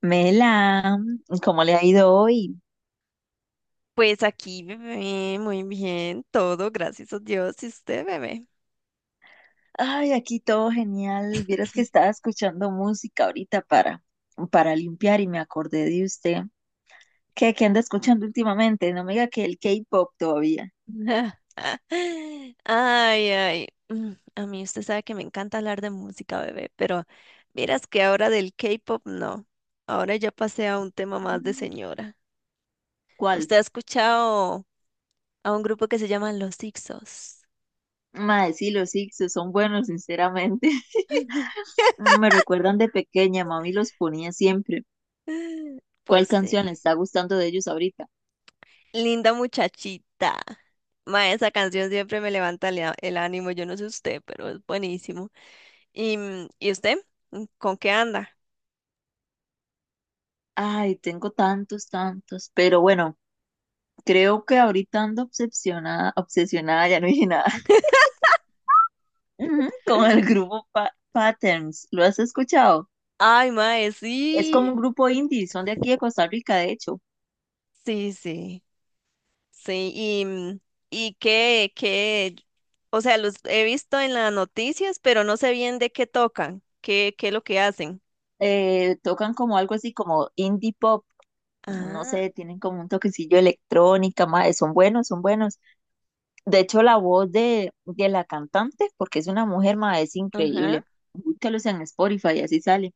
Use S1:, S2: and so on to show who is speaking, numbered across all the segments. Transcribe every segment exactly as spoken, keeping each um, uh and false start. S1: Mela, ¿cómo le ha ido hoy?
S2: Pues aquí, bebé, muy bien, todo, gracias a Dios. ¿Y usted, bebé?
S1: Ay, aquí todo genial. Vieras que estaba escuchando música ahorita para, para limpiar y me acordé de usted. ¿Qué, qué anda escuchando últimamente? No me diga que el K-pop todavía.
S2: Ay, ay. mm, A mí usted sabe que me encanta hablar de música, bebé, pero miras que ahora del K-pop no. Ahora ya pasé a un tema más de
S1: Mm,
S2: señora.
S1: ¿cuál?
S2: ¿Usted ha escuchado a un grupo que se llama Los Ixos?
S1: Mae, sí, los X son buenos, sinceramente. Mm, me recuerdan de pequeña, mami los ponía siempre. ¿Cuál
S2: Pues
S1: canción le
S2: sí.
S1: está gustando de ellos ahorita?
S2: Linda muchachita. Ma, esa canción siempre me levanta el, a- el ánimo. Yo no sé usted, pero es buenísimo. ¿Y, mm, ¿y usted? Mm, ¿Con qué anda?
S1: Ay, tengo tantos, tantos, pero bueno. Creo que ahorita ando obsesionada, obsesionada, ya no dije nada, ujú, con el grupo Pa- Patterns. ¿Lo has escuchado?
S2: Ay, mae,
S1: Es como un
S2: sí.
S1: grupo indie, son de aquí de Costa Rica, de hecho.
S2: Sí, sí. Sí, y, mm, y qué, qué, o sea, los he visto en las noticias, pero no sé bien de qué tocan, qué, qué es lo que hacen.
S1: Eh, tocan como algo así como indie pop, no
S2: Ah,
S1: sé, tienen como un toquecillo de electrónica, mae, son buenos, son buenos. De hecho, la voz de, de la cantante, porque es una mujer, mae, es
S2: ajá.
S1: increíble. Búscalos en Spotify, así sale.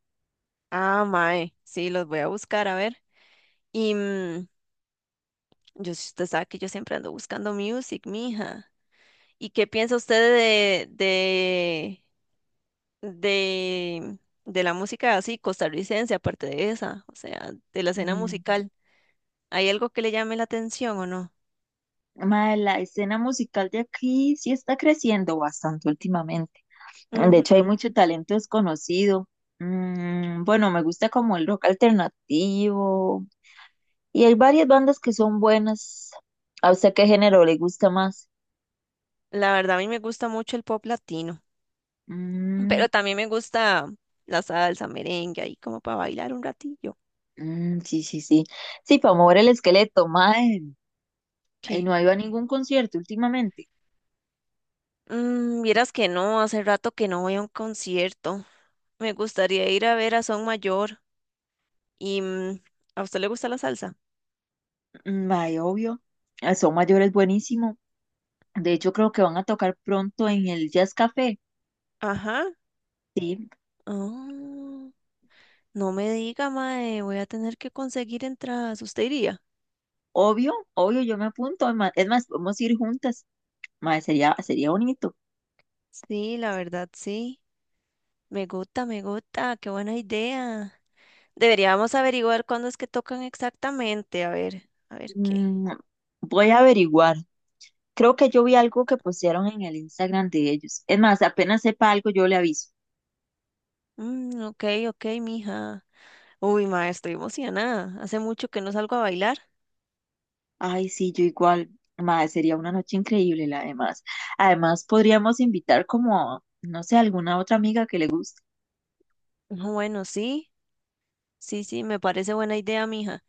S2: Ah, mae, sí, los voy a buscar, a ver. Y mm, yo, si usted sabe que yo siempre ando buscando music, mija. ¿Y qué piensa usted de, de de, de la música así costarricense, aparte de esa, o sea, de la escena
S1: Mm,
S2: musical? ¿Hay algo que le llame la atención o no?
S1: mae, la escena musical de aquí sí está creciendo bastante últimamente. De hecho, hay
S2: Ujú.
S1: mucho talento desconocido. Mm, bueno, me gusta como el rock alternativo. Y hay varias bandas que son buenas. ¿A usted qué género le gusta más?
S2: La verdad, a mí me gusta mucho el pop latino,
S1: Mm,
S2: pero también me gusta la salsa, merengue, ahí como para bailar un ratillo.
S1: mm, sí, sí, sí. Sí, para mover el esqueleto, mae. Y
S2: ¿Qué?
S1: no ha ido a ningún concierto últimamente.
S2: Mm, vieras que no, hace rato que no voy a un concierto. Me gustaría ir a ver a Son Mayor y mm, ¿a usted le gusta la salsa?
S1: Mm, mae, obvio. Ah, Son mayores buenísimo. De hecho, creo que van a tocar pronto en el Jazz Café.
S2: Ajá.
S1: Sí,
S2: Oh. No me diga, mae, voy a tener que conseguir entradas. ¿Usted iría?
S1: obvio, obvio, yo me apunto. ma- Es más, podemos ir juntas. Mae, sería, sería bonito.
S2: Sí, la verdad, sí. Me gusta, me gusta, qué buena idea. Deberíamos averiguar cuándo es que tocan exactamente. A ver, a ver qué.
S1: Mm, Voy a averiguar. Creo que yo vi algo que postearon en el Instagram de ellos. Es más, apenas sepa algo, yo le aviso.
S2: Mm, ok, ok, mija. Uy, mae, estoy emocionada. Hace mucho que no salgo a bailar.
S1: Ay, sí, yo igual. Madre, sería una noche increíble, la además. Además, podríamos invitar como, no sé, alguna otra amiga que le guste.
S2: No, bueno, sí, sí, sí, me parece buena idea, mija.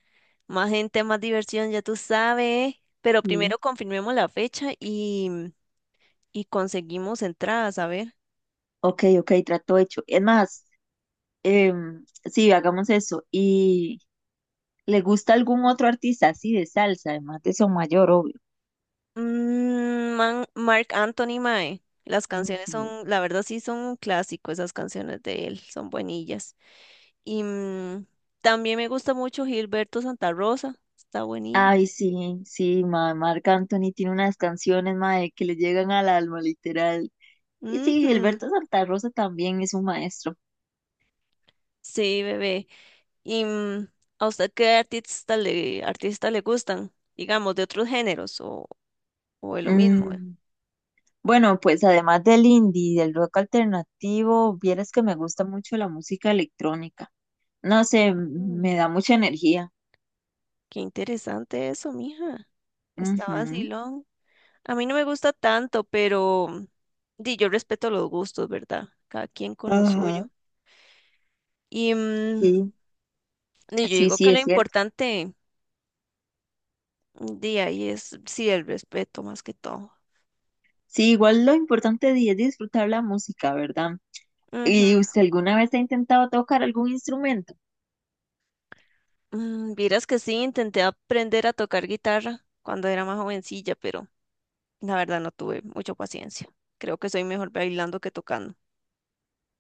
S2: Más gente, más diversión, ya tú sabes. Pero
S1: Sí.
S2: primero confirmemos la fecha y, y conseguimos entradas, a ver.
S1: Ok, ok, trato hecho. Es más, em, sí, hagamos eso. ¿Y le gusta algún otro artista así de salsa, además de Mayor, obvio?
S2: Mm, man, Marc Anthony mae. Las canciones
S1: Ujú.
S2: son, la verdad sí son un clásico, esas canciones de él, son buenillas. Y mm, también me gusta mucho Gilberto Santa Rosa, está buenillo.
S1: Ay, sí, sí, ma, Marc Anthony tiene unas canciones, mae, que le llegan al alma, literal. Y sí,
S2: Ujú,
S1: Gilberto Santa Rosa también es un maestro.
S2: sí, bebé. ¿Y mm, ¿a usted qué artista le, artista le gustan? Digamos, de otros géneros o, o de lo mismo, ¿eh?
S1: Mm, bueno, pues además del indie y del rock alternativo, vieras que me gusta mucho la música electrónica. No sé, m-
S2: Mm,
S1: me da mucha energía.
S2: qué interesante eso, mija. Está
S1: Ujú,
S2: vacilón. A mí no me gusta tanto, pero di, yo respeto los gustos, ¿verdad? Cada quien con lo suyo.
S1: ajá.
S2: Y mm,
S1: Sí,
S2: di, yo
S1: sí,
S2: digo
S1: sí,
S2: que lo
S1: es cierto.
S2: importante de ahí es, sí, el respeto más que todo.
S1: Sí, igual lo importante di- es disfrutar la música, ¿verdad?
S2: Ujú.
S1: ¿Y usted alguna vez ha intentado tocar algún instrumento?
S2: Mm, vieras que sí, intenté aprender a tocar guitarra cuando era más jovencilla, pero la verdad no tuve mucha paciencia. Creo que soy mejor bailando que tocando.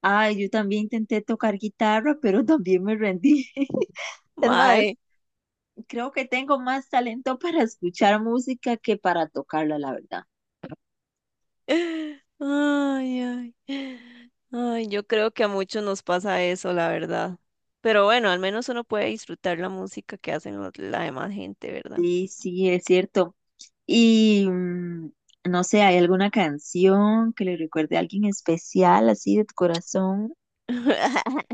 S1: Ay, yo también intenté tocar guitarra, pero también me rendí. Es más,
S2: Mae,
S1: creo que tengo más talento para escuchar música que para tocarla, la verdad.
S2: ay, ay. Ay, yo creo que a muchos nos pasa eso, la verdad. Pero bueno, al menos uno puede disfrutar la música que hacen los- la demás gente, ¿verdad?
S1: Sí, sí, es cierto. Y mm, no sé, ¿hay alguna canción que le recuerde a alguien especial, así de tu corazón?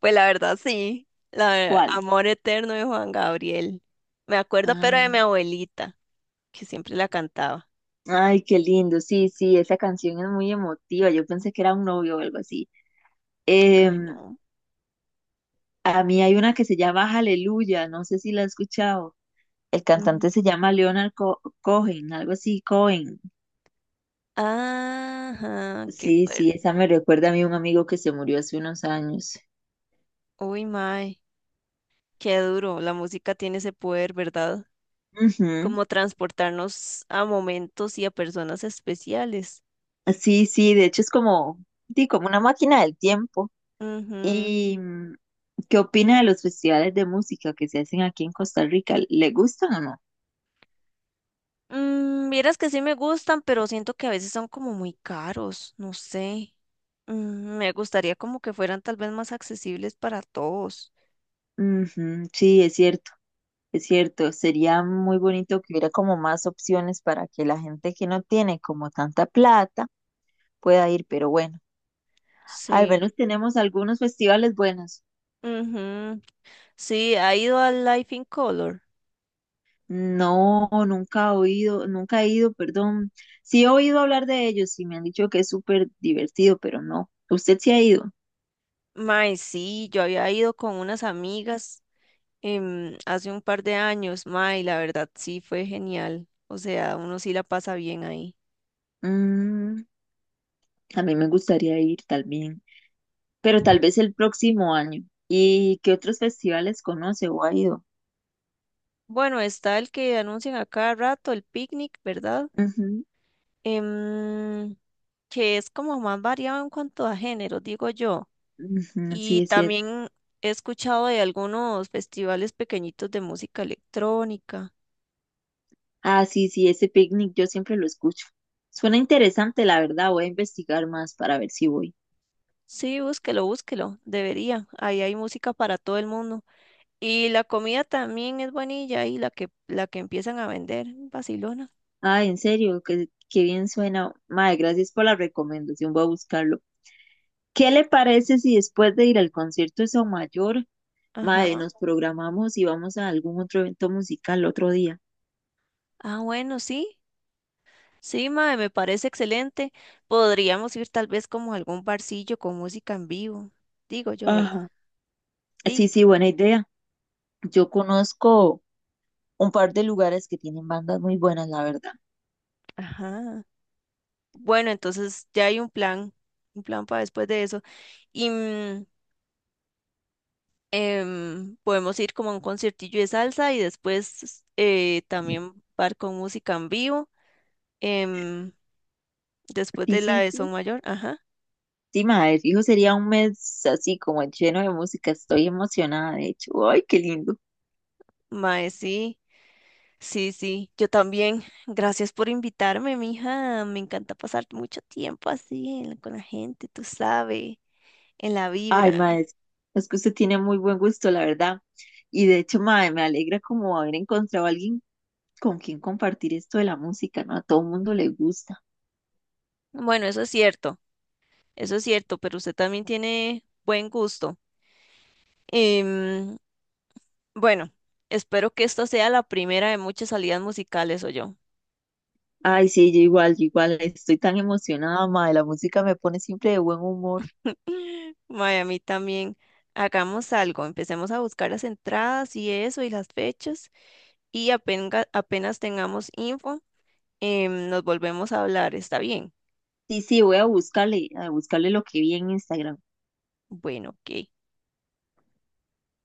S2: Pues la verdad, sí. La, ver-
S1: ¿Cuál?
S2: Amor Eterno de Juan Gabriel. Me acuerdo,
S1: Ah,
S2: pero de mi abuelita, que siempre la cantaba.
S1: ay, qué lindo. Sí, sí, esa canción es muy emotiva. Yo pensé que era un novio o algo así.
S2: Ay,
S1: Em,
S2: no.
S1: a mí hay una que se llama Aleluya, no sé si la has escuchado. El
S2: Mm.
S1: cantante se llama Leonard Co- Cohen, algo así, Cohen.
S2: Ajá, qué
S1: Sí,
S2: fuerte.
S1: sí, esa me recuerda a mí un amigo que se murió hace unos años.
S2: Uy, mae, qué duro. La música tiene ese poder, ¿verdad?
S1: Ujú.
S2: Como transportarnos a momentos y a personas especiales.
S1: Sí, sí, de hecho es como, sí, como una máquina del tiempo.
S2: Ujú.
S1: ¿Y mm, ¿Qué opina de los festivales de música que se hacen aquí en Costa Rica? ¿Le gustan o no?
S2: Mm, vieras que sí me gustan, pero siento que a veces son como muy caros, no sé. Mm, me gustaría como que fueran tal vez más accesibles para todos.
S1: Ujú, sí, es cierto, es cierto. Sería muy bonito que hubiera como más opciones para que la gente que no tiene como tanta plata pueda ir, pero bueno. Al
S2: Sí.
S1: menos tenemos algunos festivales buenos.
S2: Ujú. Sí, ha ido al Life in Color.
S1: No, nunca he oído, nunca he ido, perdón. Sí he oído hablar de ellos y me han dicho que es súper divertido, pero no. ¿Usted sí ha ido?
S2: Mae, sí, yo había ido con unas amigas em, hace un par de años, mae, y la verdad sí fue genial. O sea, uno sí la pasa bien ahí.
S1: Mm, a mí me gustaría ir también, pero tal vez el próximo año. ¿Y qué otros festivales conoce o ha ido?
S2: Bueno, está el que anuncian a cada rato, el picnic, ¿verdad?
S1: Ujú,
S2: Em, que es como más variado en cuanto a género, digo yo.
S1: ujú, sí,
S2: Y
S1: es cierto.
S2: también he escuchado de algunos festivales pequeñitos de música electrónica.
S1: Ah, sí, sí, ese picnic yo siempre lo escucho. Suena interesante, la verdad. Voy a investigar más para ver si voy.
S2: Sí, búsquelo, búsquelo, debería. Ahí hay música para todo el mundo. Y la comida también es buenilla y la que, la que empiezan a vender, Barcelona.
S1: Ah, en serio, qué, qué bien suena. Mae, gracias por la recomendación, voy a buscarlo. ¿Qué le parece si después de ir al concierto de Mayor, mae,
S2: Ajá.
S1: nos programamos y vamos a algún otro evento musical otro día?
S2: Ah, bueno, sí. Sí, mae, me parece excelente. Podríamos ir tal vez como a algún barcillo con música en vivo. Digo yo, ¿verdad?
S1: Ajá. Sí,
S2: Sí,
S1: sí, buena idea. Yo conozco un par de lugares que tienen bandas muy buenas, la verdad.
S2: ajá. Bueno, entonces ya hay un plan, un plan para después de eso. Y mm, em, podemos ir como a un conciertillo de salsa y después eh, también bar con música en vivo. em, después
S1: Sí,
S2: de la
S1: sí,
S2: de Son
S1: sí.
S2: Mayor, ajá.
S1: Sí, madre, fijo, sería un mes así como lleno de música. Estoy emocionada, de hecho. Ay, qué lindo.
S2: Mae, sí. Sí, sí, yo también. Gracias por invitarme, mija. Me encanta pasar mucho tiempo así en la- con la gente, tú sabes, en la
S1: Ay,
S2: vibra.
S1: madre, es que usted tiene muy buen gusto, la verdad. Y de hecho, madre, me alegra como haber encontrado a alguien con quien compartir esto de la música, ¿no? A todo el mundo le gusta.
S2: Bueno, eso es cierto, eso es cierto, pero usted también tiene buen gusto. Em, bueno, espero que esta sea la primera de muchas salidas musicales, o yo.
S1: Ay, sí, yo igual, yo igual. Estoy tan emocionada, madre. La música me pone siempre de buen humor.
S2: Miami también. Hagamos algo, empecemos a buscar las entradas y eso y las fechas y apenga- apenas tengamos info, em, nos volvemos a hablar, ¿está bien?
S1: Sí, sí, voy a buscarle, a buscarle lo que vi en Instagram.
S2: Bueno, ok.